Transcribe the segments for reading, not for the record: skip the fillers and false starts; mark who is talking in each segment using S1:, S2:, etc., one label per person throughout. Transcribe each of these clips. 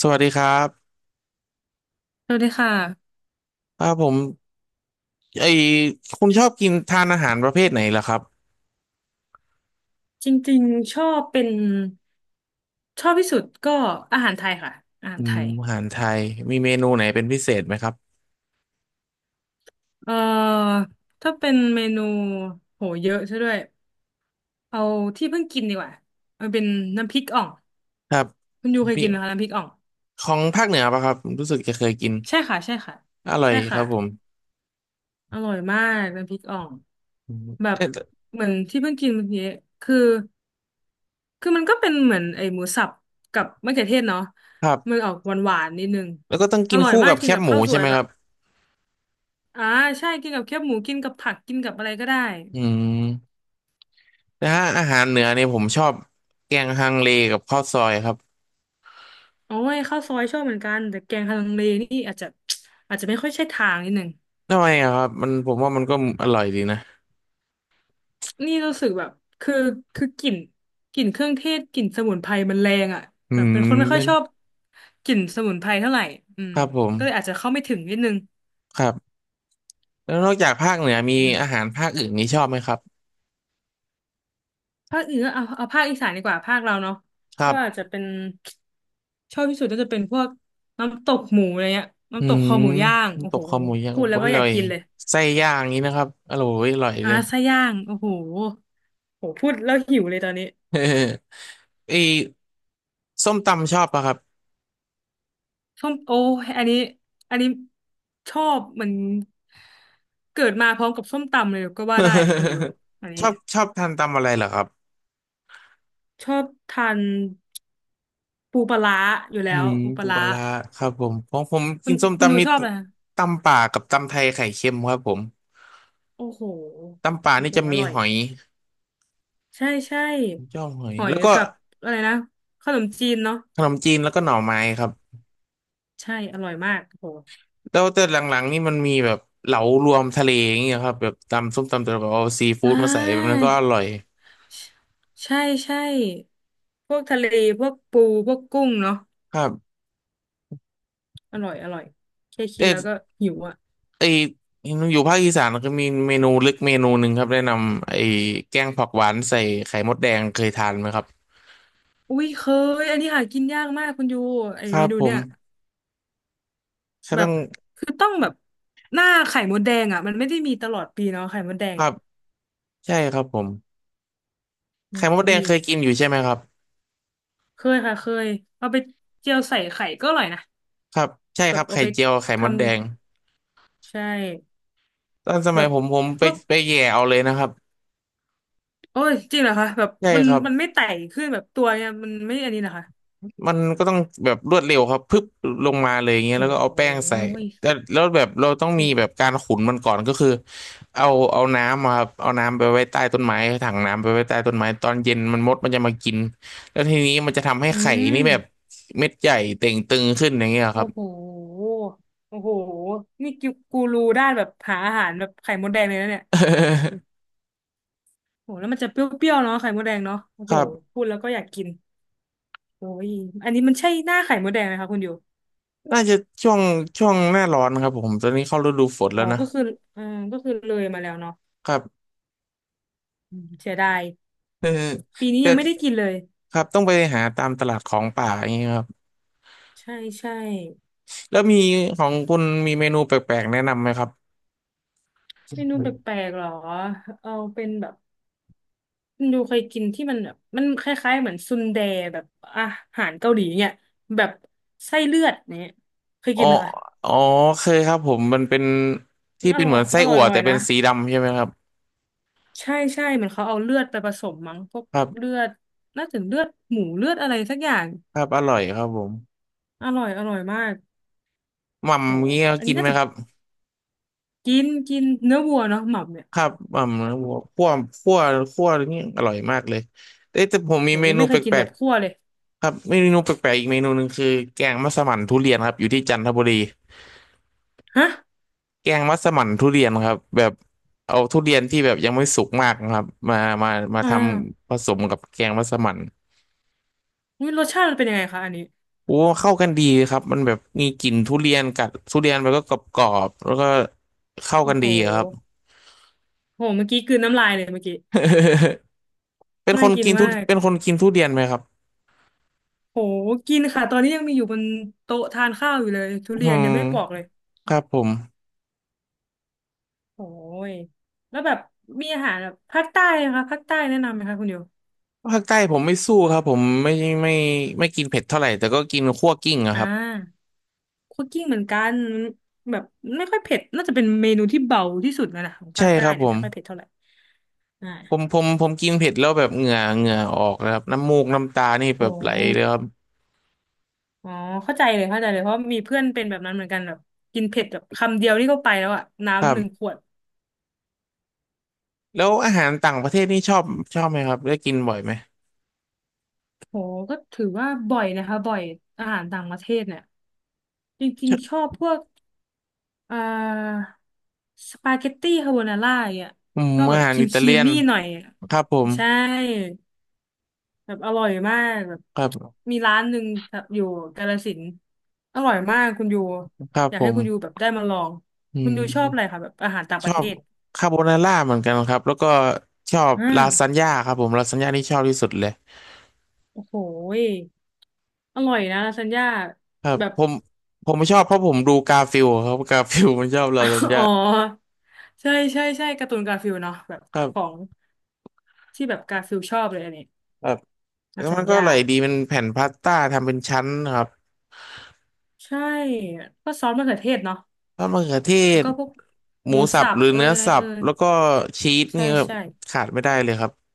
S1: สวัสดีครับ
S2: สวัสดีค่ะ
S1: ครับผมไอคุณชอบกินทานอาหารประเภทไหนล่ะครับ
S2: จริงๆชอบเป็นชอบที่สุดก็อาหารไทยค่ะอาหา
S1: อื
S2: รไท
S1: ม
S2: ย
S1: อาหารไทยมีเมนูไหนเป็นพิเศษไหมครับ
S2: เอ่อถ้าเป็นเมนูโหเยอะซะด้วยเอาที่เพิ่งกินดีกว่ามันเป็นน้ำพริกอ่อง
S1: ครับ
S2: คุณยูเคย
S1: พี่
S2: กินไหมคะน้ำพริกอ่อง
S1: ของภาคเหนือปะครับรู้สึกจะเคยกิน
S2: ใช่ค่ะใช่ค่ะ
S1: อร่อย
S2: ใช่
S1: ค
S2: ค่ะ
S1: รับผม
S2: อร่อยมากน้ำพริกอ่อง
S1: อืม
S2: แบบ
S1: เอ๊ะ
S2: เหมือนที่เพิ่งกินเมื่อกี้คือมันก็เป็นเหมือนไอ้หมูสับกับมะเขือเทศเนาะ
S1: ครั
S2: มัน
S1: บ
S2: ออกหวานๆนิดนึง
S1: แล้วก็ต้อง
S2: อ
S1: กิน
S2: ร่อย
S1: คู่
S2: มาก
S1: กับแค
S2: กิน
S1: บ
S2: กับ
S1: หมู
S2: ข้าวส
S1: ใช่
S2: วย
S1: ไหม
S2: แบ
S1: ครั
S2: บ
S1: บ
S2: อ่าใช่กินกับแคบหมูกินกับผักกินกับอะไรก็ได้
S1: อืมนะอาหารเหนือเนี่ยผมชอบแกงฮังเลกับข้าวซอยครับ
S2: โอ้ยข้าวซอยชอบเหมือนกันแต่แกงฮังเลนี่อาจจะอาจจะไม่ค่อยใช่ทางนิดหนึ่ง
S1: ทำไมอะครับมันผมว่ามันก็อร่อยดีนะ
S2: นี่รู้สึกแบบคือกลิ่นกลิ่นเครื่องเทศกลิ่นสมุนไพรมันแรงอ่ะ
S1: อื
S2: แบบ
S1: ม
S2: เป็นคนไม่ค่อ
S1: เป็
S2: ย
S1: น
S2: ชอบกลิ่นสมุนไพรเท่าไหร่อื
S1: ค
S2: ม
S1: รับผม
S2: ก็เลยอาจจะเข้าไม่ถึงนิดนึง
S1: ครับ แล้วนอกจากภาคเหนือมี
S2: อื
S1: อาหา
S2: ม
S1: รภาคอื่นนี้ชอบไหมครับ
S2: ภาคอื่นเอาเอาภาคอีสานดีกว่าภาคเราเนาะ
S1: ครั
S2: ก็
S1: บ
S2: อาจจะเป็นชอบที่สุดก็จะเป็นพวกน้ำตกหมูอะไรเงี้ย
S1: อื
S2: น้ำตกค
S1: ม
S2: อหมูย่างโอ้
S1: น้ำตก
S2: โห
S1: คอหมูยัง
S2: พูดแล้
S1: ก็
S2: ว
S1: อ
S2: ก็อ
S1: ร่
S2: ยา
S1: อ
S2: ก
S1: ย
S2: กินเลย
S1: ไส้ย่างนี้นะครับอร่อยเลย
S2: ไส้ย่างโอ้โหโหพูดแล้วหิวเลยตอนนี้
S1: เออไอส้มตำชอบปะครับ
S2: ส้มโอ้ยอันนี้อันนี้ชอบเหมันเกิดมาพร้อมกับส้มตำเลยก็ว่าได้คุณอยู่ อัน
S1: ช
S2: นี้
S1: อบชอบทานตำอะไรเหรอครับ
S2: ชอบทานปูปลาร้าอยู่แล้
S1: อื
S2: ว
S1: ม
S2: ปูปลา
S1: ปูป
S2: ร้า
S1: ลาร้าครับผมของผมกินส้ม
S2: คุณอ
S1: ตำ
S2: ยู่
S1: นี่
S2: ชอบอะไร
S1: ตำป่ากับตำไทยไข่เค็มครับผม
S2: โอ้โห
S1: ตำป่า
S2: โอ้
S1: นี่
S2: โห
S1: จะ
S2: อ
S1: มี
S2: ร่อย
S1: หอย
S2: ใช่ใช่
S1: จ้องหอย
S2: หอย
S1: แล้วก็
S2: กับอะไรนะขนมจีนเนาะ
S1: ขนมจีนแล้วก็หน่อไม้ครับ
S2: ใช่อร่อยมากโอ้โห
S1: แล้วแต่หลังๆนี่มันมีแบบเหลารวมทะเลอย่างเงี้ยครับแบบตำส้มตำแต่แบบเอาซีฟู้
S2: อ่
S1: ดมาใส่แบบนั้
S2: า
S1: นก็อร่อย
S2: ใช่ใช่พวกทะเลพวกปูพวกกุ้งเนาะ
S1: ครับ
S2: อร่อยอร่อยแค่คิ
S1: แต่
S2: ดแล้วก็หิวอ่ะ
S1: ไออยู่ภาคอีสานก็มีเมนูลึกเมนูหนึ่งครับแนะนำแกงผักหวานใส่ไข่มดแดงเคยทานไหมครับ
S2: อุ้ยเคยอันนี้หากินยากมากคุณยูไอ
S1: ครั
S2: เม
S1: บ
S2: นู
S1: ผ
S2: เนี่ย
S1: มก็
S2: แบ
S1: ต้อ
S2: บ
S1: ง
S2: คือต้องแบบหน้าไข่มดแดงอ่ะมันไม่ได้มีตลอดปีเนาะไข่มดแด
S1: ค
S2: ง
S1: รับใช่ครับผม
S2: อื
S1: ไข่
S2: ม
S1: มดแด
S2: อุ้ย
S1: งเคยกินอยู่ใช่ไหมครับ
S2: เคยค่ะเคยเอาไปเจียวใส่ไข่ก็อร่อยนะ
S1: ครับใช่
S2: แบ
S1: ครั
S2: บ
S1: บ
S2: เอา
S1: ไข่
S2: ไป
S1: เจียวไข่
S2: ท
S1: มดแดง
S2: ำใช่
S1: ตอนส
S2: แบ
S1: มัย
S2: บ
S1: ผมผมไป
S2: พวก
S1: ไปแย่เอาเลยนะครับ
S2: โอ้ยจริงเหรอคะแบบ
S1: ใช่ครับ
S2: มันไม่ไต่ขึ้นแบบตัวเนี่ยมันไม่อันนี้นะคะ
S1: มันก็ต้องแบบรวดเร็วครับพึบลงมาเลยอย่างเงี้ย
S2: โอ
S1: แล้วก็เอา
S2: ้
S1: แป้งใส่
S2: ย
S1: แต่แล้วแบบเราต้องมีแบ
S2: โห
S1: บการขุนมันก่อนก็คือเอาเอาน้ำมาครับเอาน้ำไปไว้ใต้ต้นไม้ถังน้ำไปไว้ใต้ต้นไม้ตอนเย็นมันมดมันจะมากินแล้วทีนี้มันจะทำให้
S2: อื
S1: ไข่
S2: ม
S1: นี่แบบเม็ดใหญ่เต่งตึงขึ้นอย่างเงี้ยค
S2: โอ้
S1: รับ
S2: โหโอ้โหนี่กิกูรูด้านแบบหาอาหารแบบไข่มดแดงเลยนะเนี่ยโอ้โหแล้วมันจะเปรี้ยวๆเนาะไข่มดแดงเนาะโอ้
S1: ค
S2: โห
S1: รับ
S2: พูดแล้วก็อยากกินโอ้ยอันนี้มันใช่หน้าไข่มดแดงไหมคะคุณอยู่
S1: น่าจะช่วงช่วงหน้าร้อนครับผมตอนนี้เข้าฤดูฝนแล้
S2: อ๋อ
S1: วนะ
S2: ก็คือเอาก็คือเลยมาแล้วเนาะ
S1: ครับ
S2: อืมเสียดาย
S1: เออ
S2: ปีนี้
S1: แต่
S2: ยังไม่ได้กินเลย
S1: ครับต้องไปหาตามตลาดของป่าอย่างเงี้ยครับ
S2: ใช่ใช่
S1: แล้วมีของคุณมีเมนูแปลกๆแนะนำไหมครับ
S2: เมนูแปลกๆหรอเอาเป็นแบบคุณดูเคยกินที่มันแบบมันคล้ายๆเหมือนซุนแดแบบอาหารเกาหลีเนี่ยแบบไส้เลือดเนี่ยเคย
S1: อ๋
S2: กิ
S1: อ
S2: นไหมคะ
S1: อ๋อเคยครับผมมันเป็นที่
S2: อ
S1: เป็น
S2: ร่
S1: เห
S2: อ
S1: มื
S2: ย
S1: อนไส้
S2: อร่อ
S1: อั่
S2: ย
S1: ว
S2: อร่อ
S1: แต่
S2: ย
S1: เป็
S2: นะ
S1: นสีดำใช่ไหมครับ
S2: ใช่ใช่เหมือนเขาเอาเลือดไปผสมมั้งพวก
S1: ครั
S2: เลื
S1: บ
S2: อดน่าจะเลือดหมูเลือดอะไรสักอย่าง
S1: ครับอร่อยครับผม
S2: อร่อยอร่อยมาก
S1: ห
S2: โห
S1: ม่ำเงี้ย
S2: อัน
S1: กิ
S2: นี้
S1: นไห
S2: น่า
S1: ม
S2: จะ
S1: ครับ
S2: กินกินเนื้อวัวเนาะหม่ำเนี่ย
S1: ครับหม่ำหัวคั่วคั่วนี่อร่อยมากเลยเอ้ยแต่ผมมี
S2: โห
S1: เม
S2: ยัง
S1: นู
S2: ไม่เค
S1: แป
S2: ยกิน
S1: ล
S2: แบ
S1: ก
S2: บคั่วเลย
S1: ๆครับเมนูแปลกๆอีกเมนูหนึ่งคือแกงมัสมั่นทุเรียนครับอยู่ที่จันทบุรี
S2: ฮะ
S1: แกงมัสมั่นทุเรียนครับแบบเอาทุเรียนที่แบบยังไม่สุกมากนะครับมามา
S2: อ่า
S1: ทำผสมกับแกงมัสมั่น
S2: อุ๊ยรสชาติมันเป็นยังไงคะอันนี้
S1: โอ้เข้ากันดีครับมันแบบมีกลิ่นทุเรียนกัดทุเรียนมันก็กรอบๆแล้วก็เข้า
S2: โอ้
S1: กัน
S2: โห
S1: ดีอะครับ
S2: โหเมื่อกี้กลืนน้ำลายเลยเมื่อกี้ น่ากินมาก
S1: เป็นคนกินทุเรียนไหมครับ
S2: โหกินค่ะตอนนี้ยังมีอยู่บนโต๊ะทานข้าวอยู่เลยทุ
S1: อื
S2: เรียน
S1: ม
S2: ยังไม่ปอกเลย
S1: ครับผม
S2: โอ้ยแล้วแบบมีอาหารแบบภาคใต้นะคะภาคใต้แนะนำไหมคะคุณโย
S1: ภาคใต้ผมไม่สู้ครับผมไม่ไม่กินเผ็ดเท่าไหร่แต่ก็กินคั่วกลิ้งอะ
S2: อ่
S1: ครับ
S2: าคั่วกลิ้งเหมือนกันมันแบบไม่ค่อยเผ็ดน่าจะเป็นเมนูที่เบาที่สุดแล้วนะของ
S1: ใช่
S2: ภาคใต้
S1: ครับ
S2: เนี่
S1: ผ
S2: ยไม่
S1: ม
S2: ค่อยเผ็ดเท่าไหร่อ่า
S1: ผมกินเผ็ดแล้วแบบเหงื่อออกนะครับน้ำมูกน้ำตานี่
S2: โอ
S1: แบบไหลเลยค
S2: ้
S1: รับ
S2: อ๋อเข้าใจเลยเข้าใจเลยเพราะมีเพื่อนเป็นแบบนั้นเหมือนกันแบบกินเผ็ดแบบคำเดียวนี่ก็ไปแล้วอะ
S1: ครั
S2: น้ำหนึ่งข
S1: บ
S2: วด
S1: แล้วอาหารต่างประเทศนี่ชอบไหมครับได้กินบ่อยไหม
S2: โหก็ถือว่าบ่อยนะคะบ่อยอาหารต่างประเทศเนี่ยจริ
S1: ช
S2: ง
S1: อ
S2: ๆช
S1: บ
S2: อบพวกอ่าสปาเกตตี้คาโบนาร่าอย่าง
S1: อืม
S2: เนียชอบแบ
S1: อา
S2: บ
S1: หา
S2: ค
S1: ร
S2: รีม
S1: อิตา
S2: ครี
S1: เลี
S2: ม
S1: ยน
S2: มี่หน่อยอะ
S1: ครับผม
S2: ใช่ แบบอร่อยมากแบบ
S1: ครับ
S2: มีร้านหนึ่งแถบอยู่กาฬสินธุ์อร่อยมากคุณยู
S1: ครับ
S2: อยาก
S1: ผ
S2: ให้
S1: ม
S2: คุณยูแบบได้มาลอง
S1: อื
S2: คุณยูชอบอะไร
S1: ม
S2: คะแบบอาหารต่าง
S1: ช
S2: ประ
S1: อ
S2: เท
S1: บ
S2: ศ
S1: คาโบนาร่าเหมือนกันครับแล้วก็ชอบ
S2: อ่
S1: ลาซาน
S2: า
S1: ญ่าครับผมลาซานญ่านี่ชอบที่สุดเลย
S2: โอ้โหยอร่อยนะลาซานญ่า
S1: ครับ
S2: แบบ
S1: ผมไม่ชอบเพราะผมดูกาฟิลครับกาฟิลมันชอบลาซาน
S2: อ๋
S1: ญ่า
S2: อใช่ใช่ใช่การ์ตูนกาฟิลเนาะแบบ
S1: ครั
S2: ขอ
S1: บ
S2: งที่แบบกาฟิลชอบเลยอันนี้
S1: ครับแล้
S2: ลา
S1: ว
S2: ซา
S1: มั
S2: น
S1: นก็อ
S2: ญ่า
S1: ร่อยดีเป็นแผ่นพาสต้าทำเป็นชั้นครับ
S2: ใช่ก็ซอสมะเขือเทศเนาะ
S1: ท้ดมะเขือเท
S2: แล้ว
S1: ศ
S2: ก็พวก
S1: ห
S2: ห
S1: มู
S2: มู
S1: สับ
S2: สับ
S1: หรือ
S2: เอ
S1: เนื้
S2: ย
S1: อ
S2: อะไร
S1: สั
S2: เอ
S1: บ
S2: ย
S1: แล้วก็ชีส
S2: ใช่
S1: นี่ครับ
S2: ใช่
S1: ขาดไม่ได้เลยครับ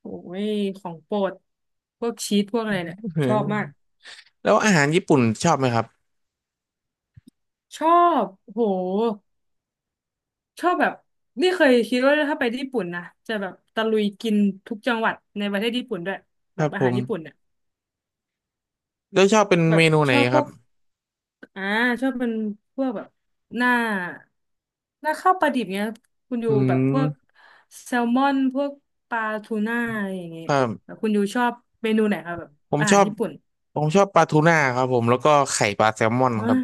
S2: โอ้ยของโปรดพวกชีสพวกอะไรเนี่ย
S1: เอ
S2: ชอบมาก
S1: อแล้วอาหารญี่ปุ่นชอบไหมครับ
S2: ชอบโหชอบแบบนี่เคยคิดว่าถ้าไปญี่ปุ่นนะจะแบบตะลุยกินทุกจังหวัดในประเทศญี่ปุ่นด้วย
S1: ค
S2: แบ
S1: รั
S2: บ
S1: บ
S2: อา
S1: ผ
S2: หาร
S1: ม
S2: ญี่ปุ่นเนี่ย
S1: แล้วชอบเป็น
S2: แบ
S1: เม
S2: บ
S1: นูไห
S2: ช
S1: น
S2: อบพ
S1: ครั
S2: ว
S1: บ
S2: กอ่าชอบเป็นพวกแบบหน้าหน้าข้าวปลาดิบเนี้ยคุณยู
S1: อื
S2: แบบพวก
S1: ม
S2: แซลมอนพวกปลาทูน่าอะไรอย่างเงี้ย
S1: ครั
S2: แบ
S1: บ
S2: บคุณยูชอบเมนูไหนครับแบบ
S1: ผม
S2: อา
S1: ช
S2: หา
S1: อ
S2: ร
S1: บ
S2: ญี่ปุ่น
S1: ผมชอบปลาทูน่าครับผมแล้วก็ไข่ปลาแซลมอนค
S2: ว้า
S1: รับ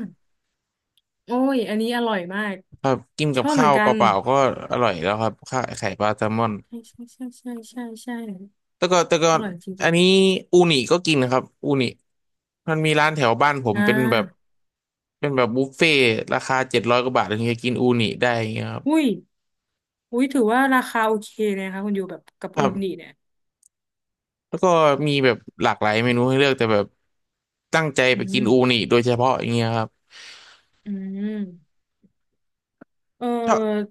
S2: โอ้ย อันนี้อร่อยมาก
S1: ครับกิน
S2: ช
S1: กับ
S2: อบเห
S1: ข้า
S2: มือ
S1: ว
S2: นกั
S1: เป
S2: น
S1: ล่าๆก็อร่อยแล้วครับข้าวไข่ปลาแซลมอน
S2: ใช่ใช่ใช่ใช่ใช่ใช่
S1: แต่ก็
S2: อร่อยจ
S1: อั
S2: ริ
S1: น
S2: ง
S1: นี้อูนิก็กินนะครับอูนิมันมีร้านแถวบ้านผ
S2: ๆ
S1: มเป็นแบบบุฟเฟ่ต์ราคา700กว่าบาทถึงจะกินอูนิได้อย่างเงี้ยครับ
S2: อุ้ยอุ้ยถือว่าราคาโอเคเลยนะคะคุณอยู่แบบกับ
S1: ค
S2: อุ
S1: รั
S2: นิ
S1: บ
S2: เนี่ย
S1: แล้วก็มีแบบหลากหลายเมนูให้เลือกแต่แบบตั้งใจ
S2: อื
S1: ไปกิน
S2: ม
S1: อูนิโดยเฉพาะอย่างเงี้ยครับ
S2: อืมเ
S1: ชอบ
S2: ออ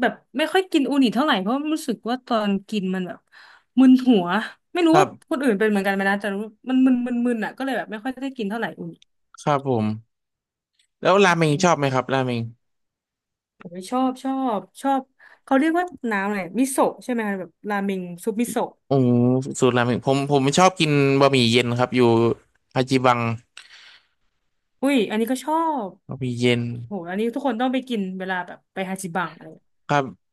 S2: แบบไม่ค่อยกินอูนิเท่าไหร่เพราะรู้สึกว่าตอนกินมันแบบมึนหัวไม่
S1: ค
S2: รู้
S1: รั
S2: ว่าคน
S1: บ
S2: อื่นเป็นเหมือนกันไหมนะแต่รู้มันมึนอ่ะก็เลยแบบไม่ค่อยได้กินเท่าไหร่อูนิ
S1: ครับผมแล้วราเมง
S2: อื
S1: ชอ
S2: ม
S1: บไหมครับราเมง
S2: ผมชอบเขาเรียกว่าน้ำอะไรมิโซะใช่ไหมคะแบบราเมงซุปมิโซะ
S1: โอ้สูตรราเมงผมไม่ชอบกินบะหมี่เย็นครับอยู่ฮาจิบัง
S2: อุ้ยอันนี้ก็ชอบ
S1: บะหมี่เย็น
S2: โหอันนี้ทุกคนต้องไปกินเวลาแบบไปฮาจิบังอะไร
S1: ครับ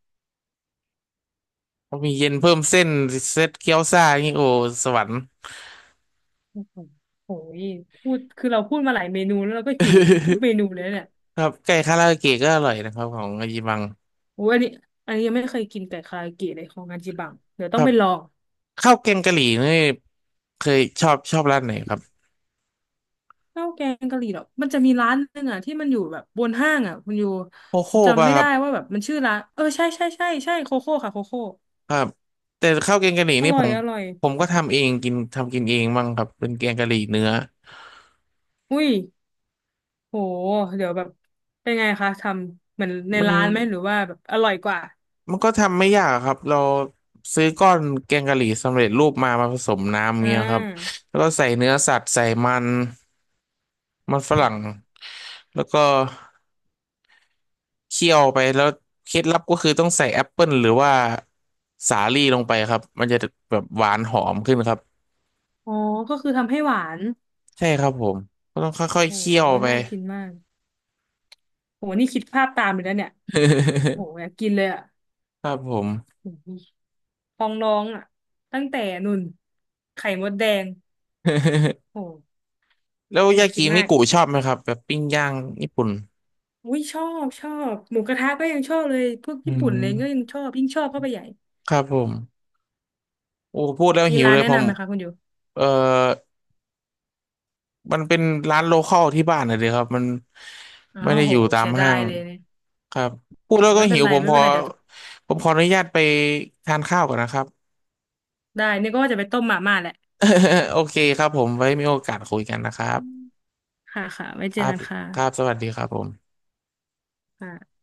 S1: บะหมี่เย็นเพิ่มเส้นเซตเกี๊ยวซ่านี่โอ้สวรรค์
S2: โอ้โหโหยพูดคือเราพูดมาหลายเมนูแล้วเราก็หิวทุกเมนูเลยเนี่ย
S1: ครับไก่คาราโอเกะก็อร่อยนะครับของฮาจิบัง
S2: โอ้ยอันนี้อันนี้ยังไม่เคยกินไก่คาราเกะเลยของฮาจิบังเดี๋ยว
S1: ค
S2: ต้อง
S1: รับ
S2: ไปลอง
S1: ข้าวแกงกะหรี่นี่เคยชอบร้านไหนครับ
S2: ข้าวแกงกะหรี่หรอกมันจะมีร้านหนึงอ่ะที่มันอยู่แบบบนห้างอ่ะคุณอยู่
S1: โคโค่
S2: จำ
S1: ป่ะ
S2: ไม่
S1: ครั
S2: ได้
S1: บ
S2: ว่าแบบมันชื่อร้านเออใช่ใช่ใช่ใช่โคโค่ค่ะโคโค่
S1: ครับแต่ข้าวแกงกะหรี่
S2: อ
S1: นี่
S2: ร่
S1: ผ
S2: อย
S1: ม
S2: อร่อย
S1: ผมก็ทำเองกินทำกินเองบ้างครับเป็นแกงกะหรี่เนื้อ
S2: อุ้ยโหเดี๋ยวแบบเป็นไงคะทำเหมือนใน
S1: มัน
S2: ร้านไหมหรือว่าแบบอร่อยกว่า
S1: มันก็ทำไม่ยากครับเราซื้อก้อนแกงกะหรี่สำเร็จรูปมาผสมน้ำ
S2: อ่
S1: เงี้ยครับ
S2: า
S1: แล้วก็ใส่เนื้อสัตว์ใส่มันมันฝรั่งแล้วก็เคี่ยวไปแล้วเคล็ดลับก็คือต้องใส่แอปเปิลหรือว่าสาลี่ลงไปครับมันจะแบบหวานหอมขึ้นครับ
S2: อ๋อก็คือทำให้หวาน
S1: ใช่ครับผมก็ต้องค่อย
S2: โห
S1: ๆเคี่ยวไป
S2: น่ากินมากโหนี่คิดภาพตามเลยนะเนี่ยโหอยากกินเลยอ่ะ
S1: ครับผม
S2: โหพองร้องอ่ะตั้งแต่นุ่นไข่มดแดง โห
S1: แล้ว
S2: อยา
S1: ยา
S2: กกิ
S1: กิ
S2: น
S1: นิ
S2: มาก
S1: กุชอบไหมครับแบบปิ้งย่างญี่ปุ่น
S2: อุ้ยชอบชอบหมูกระทะก็ยังชอบเลยพวก
S1: อื
S2: ญี่ปุ่นอะไรก็
S1: ม
S2: ยังชอบยิ่งชอบเข้าไปใหญ่
S1: ครับผมโอ้พูดแล้ว
S2: มี
S1: หิว
S2: ร้าน
S1: เลย
S2: แนะ
S1: ผม
S2: นำไหมคะคุณอยู่
S1: เออมันเป็นร้านโลคอลที่บ้านนะเดียครับมัน
S2: อ้า
S1: ไม่
S2: ว
S1: ได้
S2: โห
S1: อยู่ตาม
S2: เสียดา
S1: ห้า
S2: ย
S1: ง
S2: เลยเนี่ย
S1: ครับพูด
S2: โห
S1: แล้วก็
S2: ไม่เป็
S1: หิ
S2: น
S1: ว
S2: ไร
S1: ผม
S2: ไม่
S1: ข
S2: เป็
S1: อ
S2: นไรเดี๋ยว
S1: ผมขออนุญาตไปทานข้าวก่อนนะครับ
S2: ได้นี่ก็ว่าจะไปต้มหม่าม่าแหละ
S1: โอเคครับผมไว้มีโอกาสคุยกันนะครับ
S2: อืมค่ะค่ะไว้เจ
S1: ค
S2: อ
S1: รับ
S2: กันค่ะ
S1: ครับสวัสดีครับผม
S2: ค่ะ